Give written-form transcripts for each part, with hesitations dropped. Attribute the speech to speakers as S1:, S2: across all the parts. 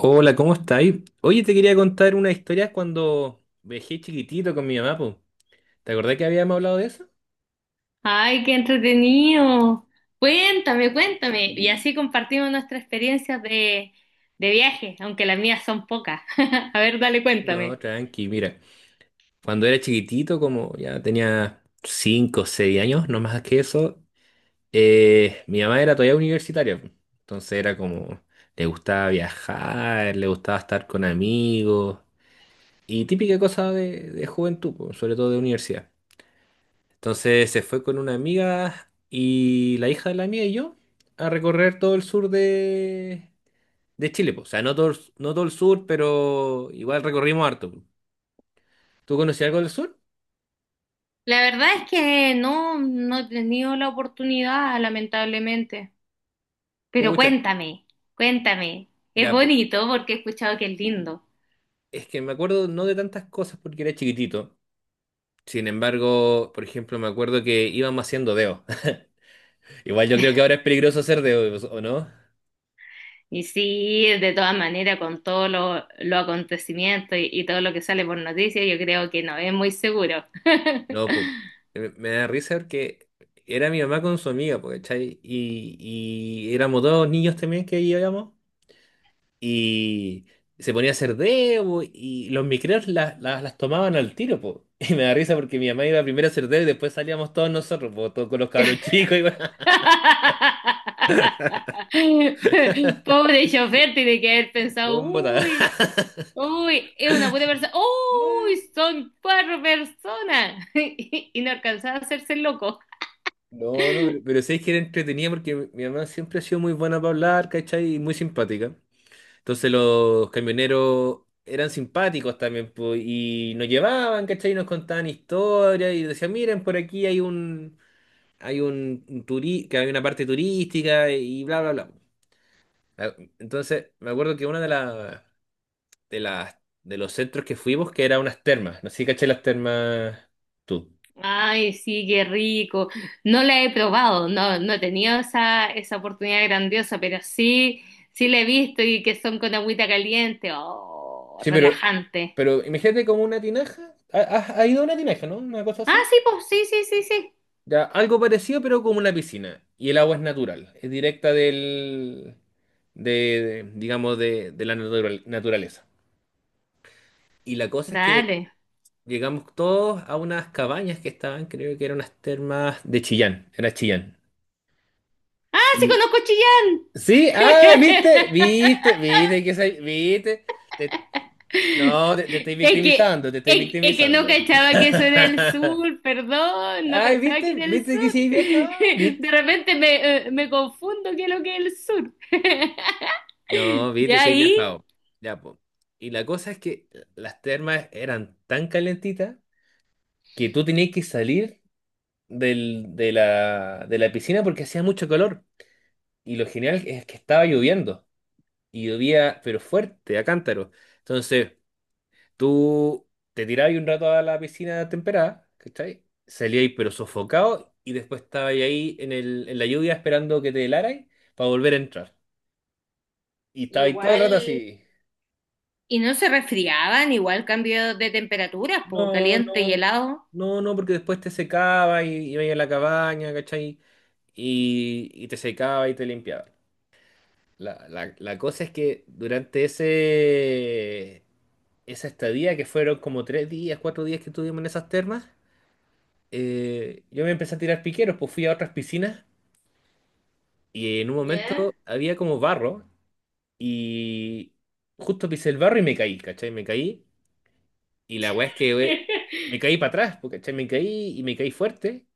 S1: Hola, ¿cómo estáis? Oye, te quería contar una historia cuando viajé chiquitito con mi mamá, po. ¿Te acordás que habíamos hablado de eso?
S2: Ay, qué entretenido. Cuéntame, cuéntame. Y así compartimos nuestras experiencias de viaje, aunque las mías son pocas. A ver, dale,
S1: No,
S2: cuéntame.
S1: tranqui, mira. Cuando era chiquitito, como ya tenía 5 o 6 años, no más que eso, mi mamá era todavía universitaria, po. Entonces era como, le gustaba viajar, le gustaba estar con amigos y típica cosa de juventud, po, sobre todo de universidad. Entonces se fue con una amiga y la hija de la amiga y yo a recorrer todo el sur de Chile, po. O sea, no todo, no todo el sur, pero igual recorrimos harto, po. ¿Tú conocías algo del sur?
S2: La verdad es que no, no he tenido la oportunidad, lamentablemente. Pero
S1: Pucha,
S2: cuéntame, cuéntame. Es
S1: ya, pues.
S2: bonito porque he escuchado que es lindo.
S1: Es que me acuerdo no de tantas cosas porque era chiquitito. Sin embargo, por ejemplo, me acuerdo que íbamos haciendo dedo. Igual yo creo que ahora es peligroso hacer dedo, ¿o no?
S2: Y sí, de todas maneras, con todos los acontecimientos y todo lo que sale por noticias, yo creo que no es muy seguro.
S1: No, pues, me da risa porque era mi mamá con su amiga, pues, ¿cachai? Y éramos dos niños también que íbamos y se ponía a hacer dedo, po, y los micreos las tomaban al tiro, pues. Y me da risa porque mi mamá iba primero a hacer dedo y después salíamos todos nosotros, pues, todos con los cabros chicos y
S2: Pobre chofer, tiene que haber pensado,
S1: un botadero.
S2: uy, uy, es una buena persona, uy,
S1: Mm.
S2: son cuatro personas y no alcanzaba a hacerse el loco.
S1: No, no, pero, sí es que era entretenida porque mi mamá siempre ha sido muy buena para hablar, ¿cachai? Y muy simpática. Entonces los camioneros eran simpáticos también, po, y nos llevaban, ¿cachai? Y nos contaban historias y decían, miren, por aquí hay un turi- que hay una parte turística y bla, bla, bla. Ah, entonces, me acuerdo que una de las, de los centros que fuimos, que era unas termas, no sé si cachai las termas tú.
S2: Ay, sí, qué rico. No la he probado, no, no he tenido esa, esa oportunidad grandiosa, pero sí, sí la he visto y que son con agüita caliente, oh,
S1: Sí, pero,
S2: relajante.
S1: imagínate como una tinaja. ¿Has ido a una tinaja, no? Una cosa
S2: Ah,
S1: así.
S2: sí, pues, sí, sí, sí, sí.
S1: Ya, algo parecido, pero como una piscina. Y el agua es natural, es directa del, de, digamos, de la naturaleza. Y la cosa es que
S2: Dale.
S1: llegamos todos a unas cabañas que estaban, creo que eran unas termas de Chillán, era Chillán.
S2: Ah, sí,
S1: Y
S2: conozco Chillán.
S1: sí, ah, viste, viste, viste que viste. Te- no, te estoy
S2: Es que,
S1: victimizando, te estoy
S2: es, es que no
S1: victimizando.
S2: cachaba que eso era el sur, perdón, no
S1: Ay,
S2: cachaba que
S1: viste,
S2: era el
S1: viste que
S2: sur.
S1: sí, vieja,
S2: De
S1: viste.
S2: repente me, me confundo qué es lo que es el sur.
S1: No, viste,
S2: Ya
S1: si he
S2: ahí,
S1: viajado. Ya, po. Y la cosa es que las termas eran tan calentitas que tú tenías que salir de la piscina porque hacía mucho calor. Y lo genial es que estaba lloviendo. Y llovía, pero fuerte, a cántaro. Entonces, tú te tirabas un rato a la piscina temperada, ¿cachai? Salías, pero sofocado. Y después estabas ahí en la lluvia esperando que te helarais para volver a entrar. Y estabas todo el
S2: igual,
S1: rato así.
S2: y no se resfriaban, igual cambio de temperaturas, po,
S1: No, no,
S2: caliente y helado.
S1: no, no, porque después te secaba y iba a la cabaña, ¿cachai? Y te secaba y te limpiaba. La cosa es que durante esa estadía, que fueron como 3 días, 4 días que estuvimos en esas termas, yo me empecé a tirar piqueros, pues fui a otras piscinas y en un
S2: ¿Ya?
S1: momento había como barro y justo pisé el barro y me caí, ¿cachai? Me caí y la weá es que me caí para atrás, pues, ¿cachai? Me caí y me caí fuerte.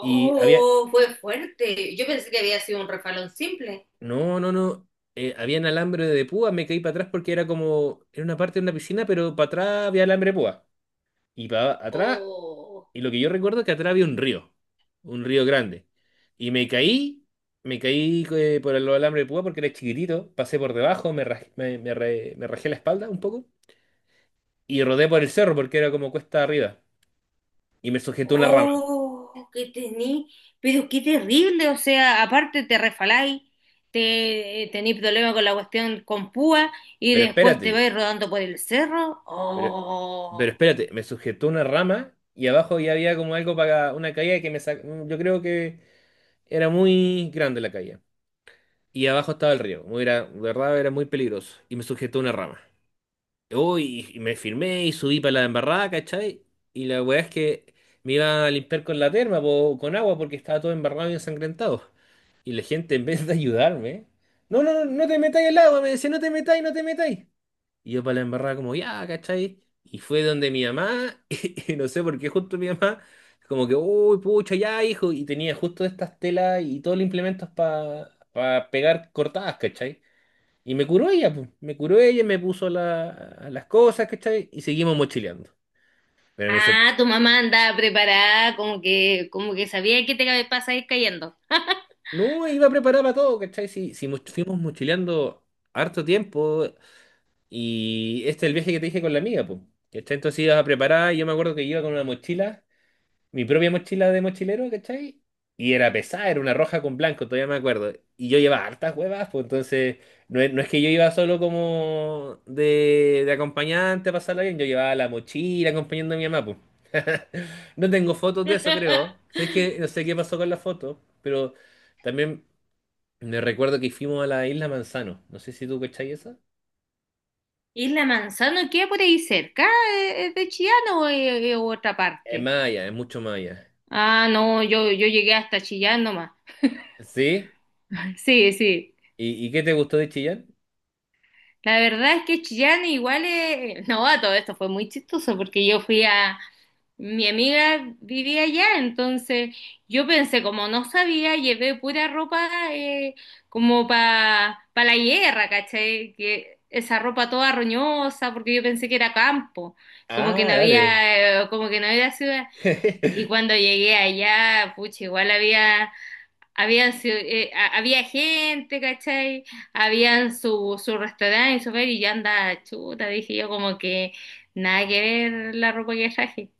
S1: Y había,
S2: fue fuerte. Yo pensé que había sido un refalón simple.
S1: no, no, no, habían alambre de púa, me caí para atrás porque era como, era una parte de una piscina, pero para atrás había alambre de púa. Y para atrás,
S2: Oh.
S1: y lo que yo recuerdo es que atrás había un río, grande. Y me caí, por el alambre de púa porque era chiquitito, pasé por debajo, me, raj- me re- me rajé la espalda un poco y rodé por el cerro porque era como cuesta arriba. Y me sujetó una rama.
S2: Oh, que tení, pero qué terrible, o sea, aparte te refaláis, te tení problemas con la cuestión con púa y
S1: Pero
S2: después te
S1: espérate,
S2: vais rodando por el cerro.
S1: Pero, pero
S2: Oh.
S1: espérate, me sujetó una rama y abajo ya había como algo para una caída que me sacó. Yo creo que era muy grande la caída. Y abajo estaba el río. Muy Era, de verdad era muy peligroso. Y me sujetó una rama. Uy, y me firmé y subí para la embarrada, ¿cachai? Y la weá es que me iba a limpiar con la terma, po, con agua, porque estaba todo embarrado y ensangrentado. Y la gente, en vez de ayudarme, no, no, no, no te metáis al agua, me decía, no te metáis, no te metáis. Y yo para la embarrada como, ya, ¿cachai? Y fue donde mi mamá, y no sé por qué justo mi mamá, como que, uy, pucha, ya, hijo, y tenía justo estas telas y todos los implementos para pegar cortadas, ¿cachai? Y me curó ella, pues, me curó ella, me puso las cosas, ¿cachai? Y seguimos mochileando. Pero me sor-
S2: Ah, tu mamá andaba preparada, como que sabía que te pasa ir cayendo.
S1: no, iba a preparar para todo, ¿cachai? Si, si, fuimos mochileando harto tiempo, y este es el viaje que te dije con la amiga, pues. ¿Cachai? Entonces ibas a preparar, y yo me acuerdo que iba con una mochila, mi propia mochila de mochilero, ¿cachai? Y era pesada, era una roja con blanco, todavía me acuerdo. Y yo llevaba hartas huevas, pues entonces no es que yo iba solo como de acompañante a pasarla bien, yo llevaba la mochila acompañando a mi mamá, pues. No tengo fotos de eso, creo. Sé que no sé qué pasó con la foto, pero también me recuerdo que fuimos a la isla Manzano. No sé si tú cachai esa.
S2: ¿Y la manzana queda por ahí cerca? ¿Es de Chillán o es otra
S1: Es
S2: parte?
S1: más allá, es mucho más allá.
S2: Ah, no, yo llegué hasta Chillán nomás.
S1: ¿Sí?
S2: Sí, sí.
S1: ¿Y qué te gustó de Chillán?
S2: La verdad es que Chillán igual es... No, a todo esto fue muy chistoso porque yo fui a... Mi amiga vivía allá, entonces yo pensé, como no sabía, llevé pura ropa eh, como para pa la guerra, ¿cachai? Que esa ropa toda roñosa, porque yo pensé que era campo, como que
S1: Ah,
S2: no
S1: dale.
S2: había, como que no había ciudad. Y cuando llegué allá, pucha, igual había, había gente, ¿cachai? Habían su, su restaurante y su feria y yo andaba chuta, dije yo como que nada que ver la ropa que traje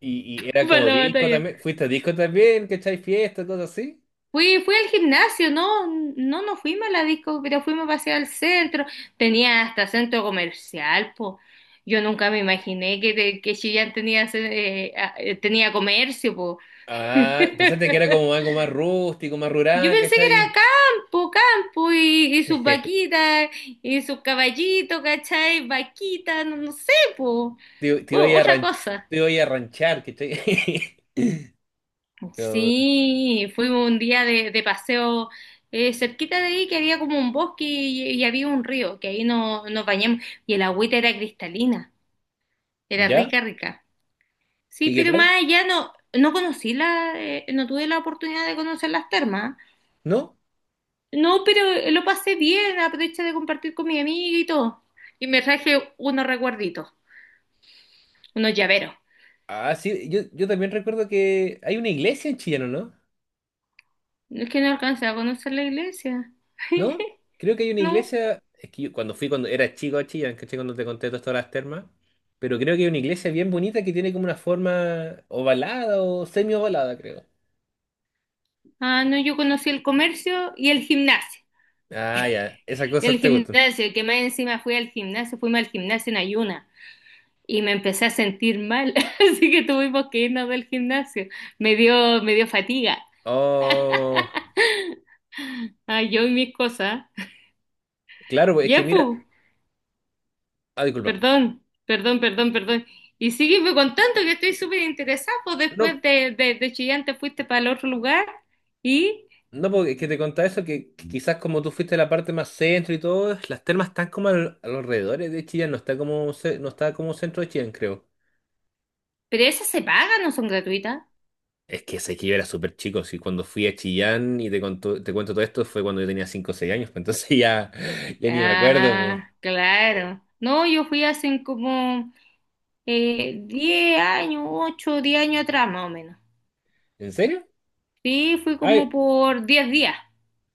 S1: Y era
S2: para
S1: como
S2: la
S1: disco
S2: batalla.
S1: también. ¿Fuiste a disco también? ¿Cachai? Fiesta, todo así.
S2: Fui, fui al gimnasio, no, no, no fuimos a la disco, pero fuimos a pasear al centro. Tenía hasta centro comercial, po. Yo nunca me imaginé que Chillán tenía, tenía comercio, po.
S1: Ah, pensaste que era como algo más rústico, más
S2: Yo
S1: rural,
S2: pensé que era
S1: ¿cachai?
S2: campo, campo y sus vaquitas y sus caballitos, ¿cachai? Vaquitas, no, no sé, po.
S1: Te iba a ir a
S2: Otra cosa.
S1: ranchar, ¿cachai? Pero,
S2: Sí, fuimos un día de paseo cerquita de ahí que había como un bosque y había un río, que ahí nos, nos bañamos y el agüita era cristalina, era
S1: ¿ya?
S2: rica, rica. Sí,
S1: ¿Y qué
S2: pero
S1: tal?
S2: más allá no, no conocí la, no tuve la oportunidad de conocer las termas.
S1: ¿No?
S2: No, pero lo pasé bien, aproveché de compartir con mi amiga y todo. Y me traje unos recuerditos, unos llaveros.
S1: Ah, sí, yo también recuerdo que hay una iglesia en Chillán, ¿no?
S2: Es que no alcancé a conocer la iglesia.
S1: ¿No? Creo que hay una
S2: No,
S1: iglesia. Es que yo cuando fui, cuando era chico a Chillán, ¿cachai? Cuando te conté todo esto de las termas. Pero creo que hay una iglesia bien bonita que tiene como una forma ovalada o semi-ovalada, creo.
S2: ah, no, yo conocí el comercio y el gimnasio.
S1: Ah, ya, esas
S2: Y el
S1: cosas te gustan.
S2: gimnasio, que más encima fui al gimnasio, fuimos al gimnasio en ayuna. Y me empecé a sentir mal, así que tuvimos que irnos del gimnasio. Me dio fatiga.
S1: Oh,
S2: Ah, yo y mis cosas.
S1: claro, pues, es que
S2: Ya,
S1: mira,
S2: pues.
S1: ah, disculpa.
S2: Perdón, perdón, perdón, perdón. Y sígueme contando que estoy súper interesado. Pues
S1: No,
S2: después de Chillán te fuiste para el otro lugar. Y,
S1: no, porque es que te contaba eso, que quizás como tú fuiste a la parte más centro y todo, las termas están como a los alrededores de Chillán, no está como, no está como centro de Chillán, creo.
S2: pero esas se pagan, no son gratuitas.
S1: Es que sé que yo era súper chico, si cuando fui a Chillán y te cuento todo esto fue cuando yo tenía 5 o 6 años, pues entonces ya, ya ni me acuerdo.
S2: Ah,
S1: Pues.
S2: claro. No, yo fui hace como 10 años, 8, 10 años atrás más o menos.
S1: ¿En serio?
S2: Sí, fui como por 10 días.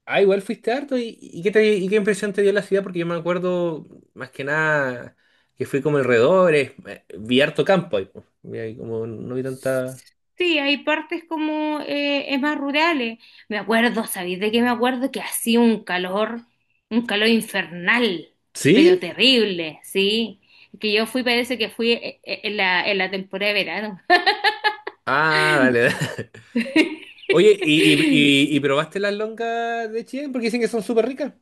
S1: Ah, igual fuiste harto. ¿Y qué impresión te dio la ciudad? Porque yo me acuerdo, más que nada, que fui como alrededores, vi harto campo ahí, po. Vi ahí como no vi tanta...
S2: Sí, hay partes como es más rurales. Me acuerdo, ¿sabéis de qué me acuerdo? Que hacía un calor infernal, pero
S1: ¿Sí?
S2: terrible, ¿sí? Que yo fui, parece que fui en la temporada de verano.
S1: Ah, dale, dale. Oye, ¿y, y, y- y probaste las longas de Chillán? Porque dicen que son súper ricas.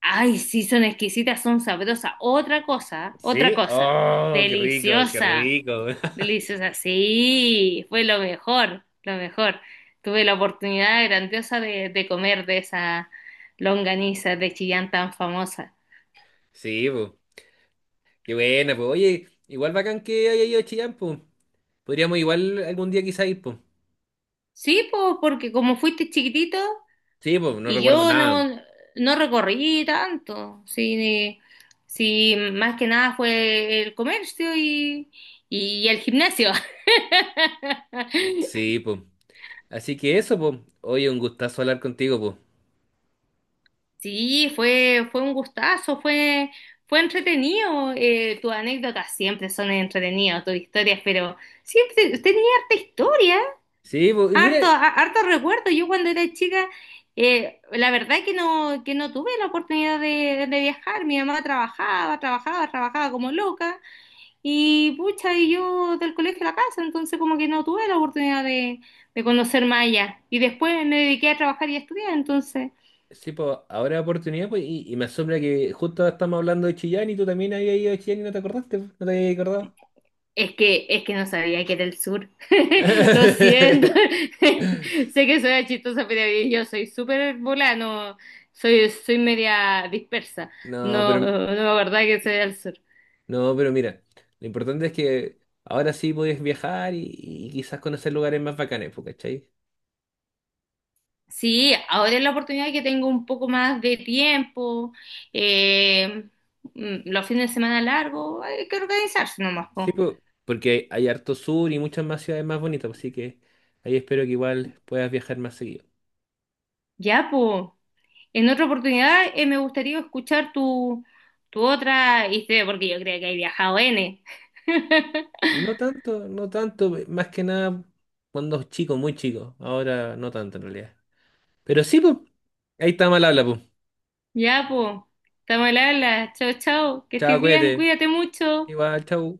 S2: Ay, sí, son exquisitas, son sabrosas. Otra
S1: ¿Sí?
S2: cosa,
S1: Oh, qué rico, qué
S2: deliciosa.
S1: rico.
S2: Deliciosa, sí, fue lo mejor, lo mejor. Tuve la oportunidad grandiosa de comer de esa longaniza de Chillán tan famosa.
S1: Sí, pues. Qué buena, pues. Oye, igual bacán que haya ido a Chillán, pues. Podríamos igual algún día quizá ir, pues.
S2: Sí, po, porque como fuiste chiquitito
S1: Sí, pues, no
S2: y
S1: recuerdo
S2: yo
S1: nada.
S2: no, no recorrí tanto, sí, sí, más que nada fue el comercio y el gimnasio.
S1: Sí, pues. Así que eso, pues. Oye, un gustazo hablar contigo, pues.
S2: Sí, fue, fue un gustazo, fue, fue entretenido. Tus anécdotas siempre son entretenidas, tus historias, pero siempre usted tenía harta historia,
S1: Sí, pues, y mira,
S2: harto, harto recuerdo. Yo cuando era chica, la verdad que no tuve la oportunidad de viajar. Mi mamá trabajaba, trabajaba, trabajaba como loca, y pucha, y yo del colegio a la casa, entonces como que no tuve la oportunidad de conocer más allá. Y después me dediqué a trabajar y a estudiar, entonces.
S1: sí, pues, ahora oportunidad, pues, y me asombra que justo estamos hablando de Chillán y tú también habías ido a Chillán y no te acordaste, po, no te habías acordado.
S2: Es que no sabía que era el sur. Lo siento. Sé que soy chistosa, pero yo soy súper volada, no- soy, soy media dispersa.
S1: No,
S2: No,
S1: pero,
S2: no me acordaba que soy del sur.
S1: mira, lo importante es que ahora sí puedes viajar y quizás conocer lugares más bacanes, pues, ¿cachai?
S2: Sí, ahora es la oportunidad que tengo un poco más de tiempo. eh, los fines de semana largos, hay que organizarse nomás,
S1: Sí,
S2: po.
S1: pues, porque hay harto sur y muchas más ciudades más bonitas, pues, así que ahí espero que igual puedas viajar más seguido.
S2: Ya, po. En otra oportunidad, me gustaría escuchar tu, tu otra historia, porque yo creo que hay viajado N.
S1: No tanto, no tanto, más que nada cuando chico, muy chico. Ahora no tanto en realidad. Pero sí, pues, ahí está mal habla, pues.
S2: Ya, pues, estamos al habla. Chao, chao, que
S1: Chao,
S2: estés bien,
S1: cuídate.
S2: cuídate mucho.
S1: Igual, chao.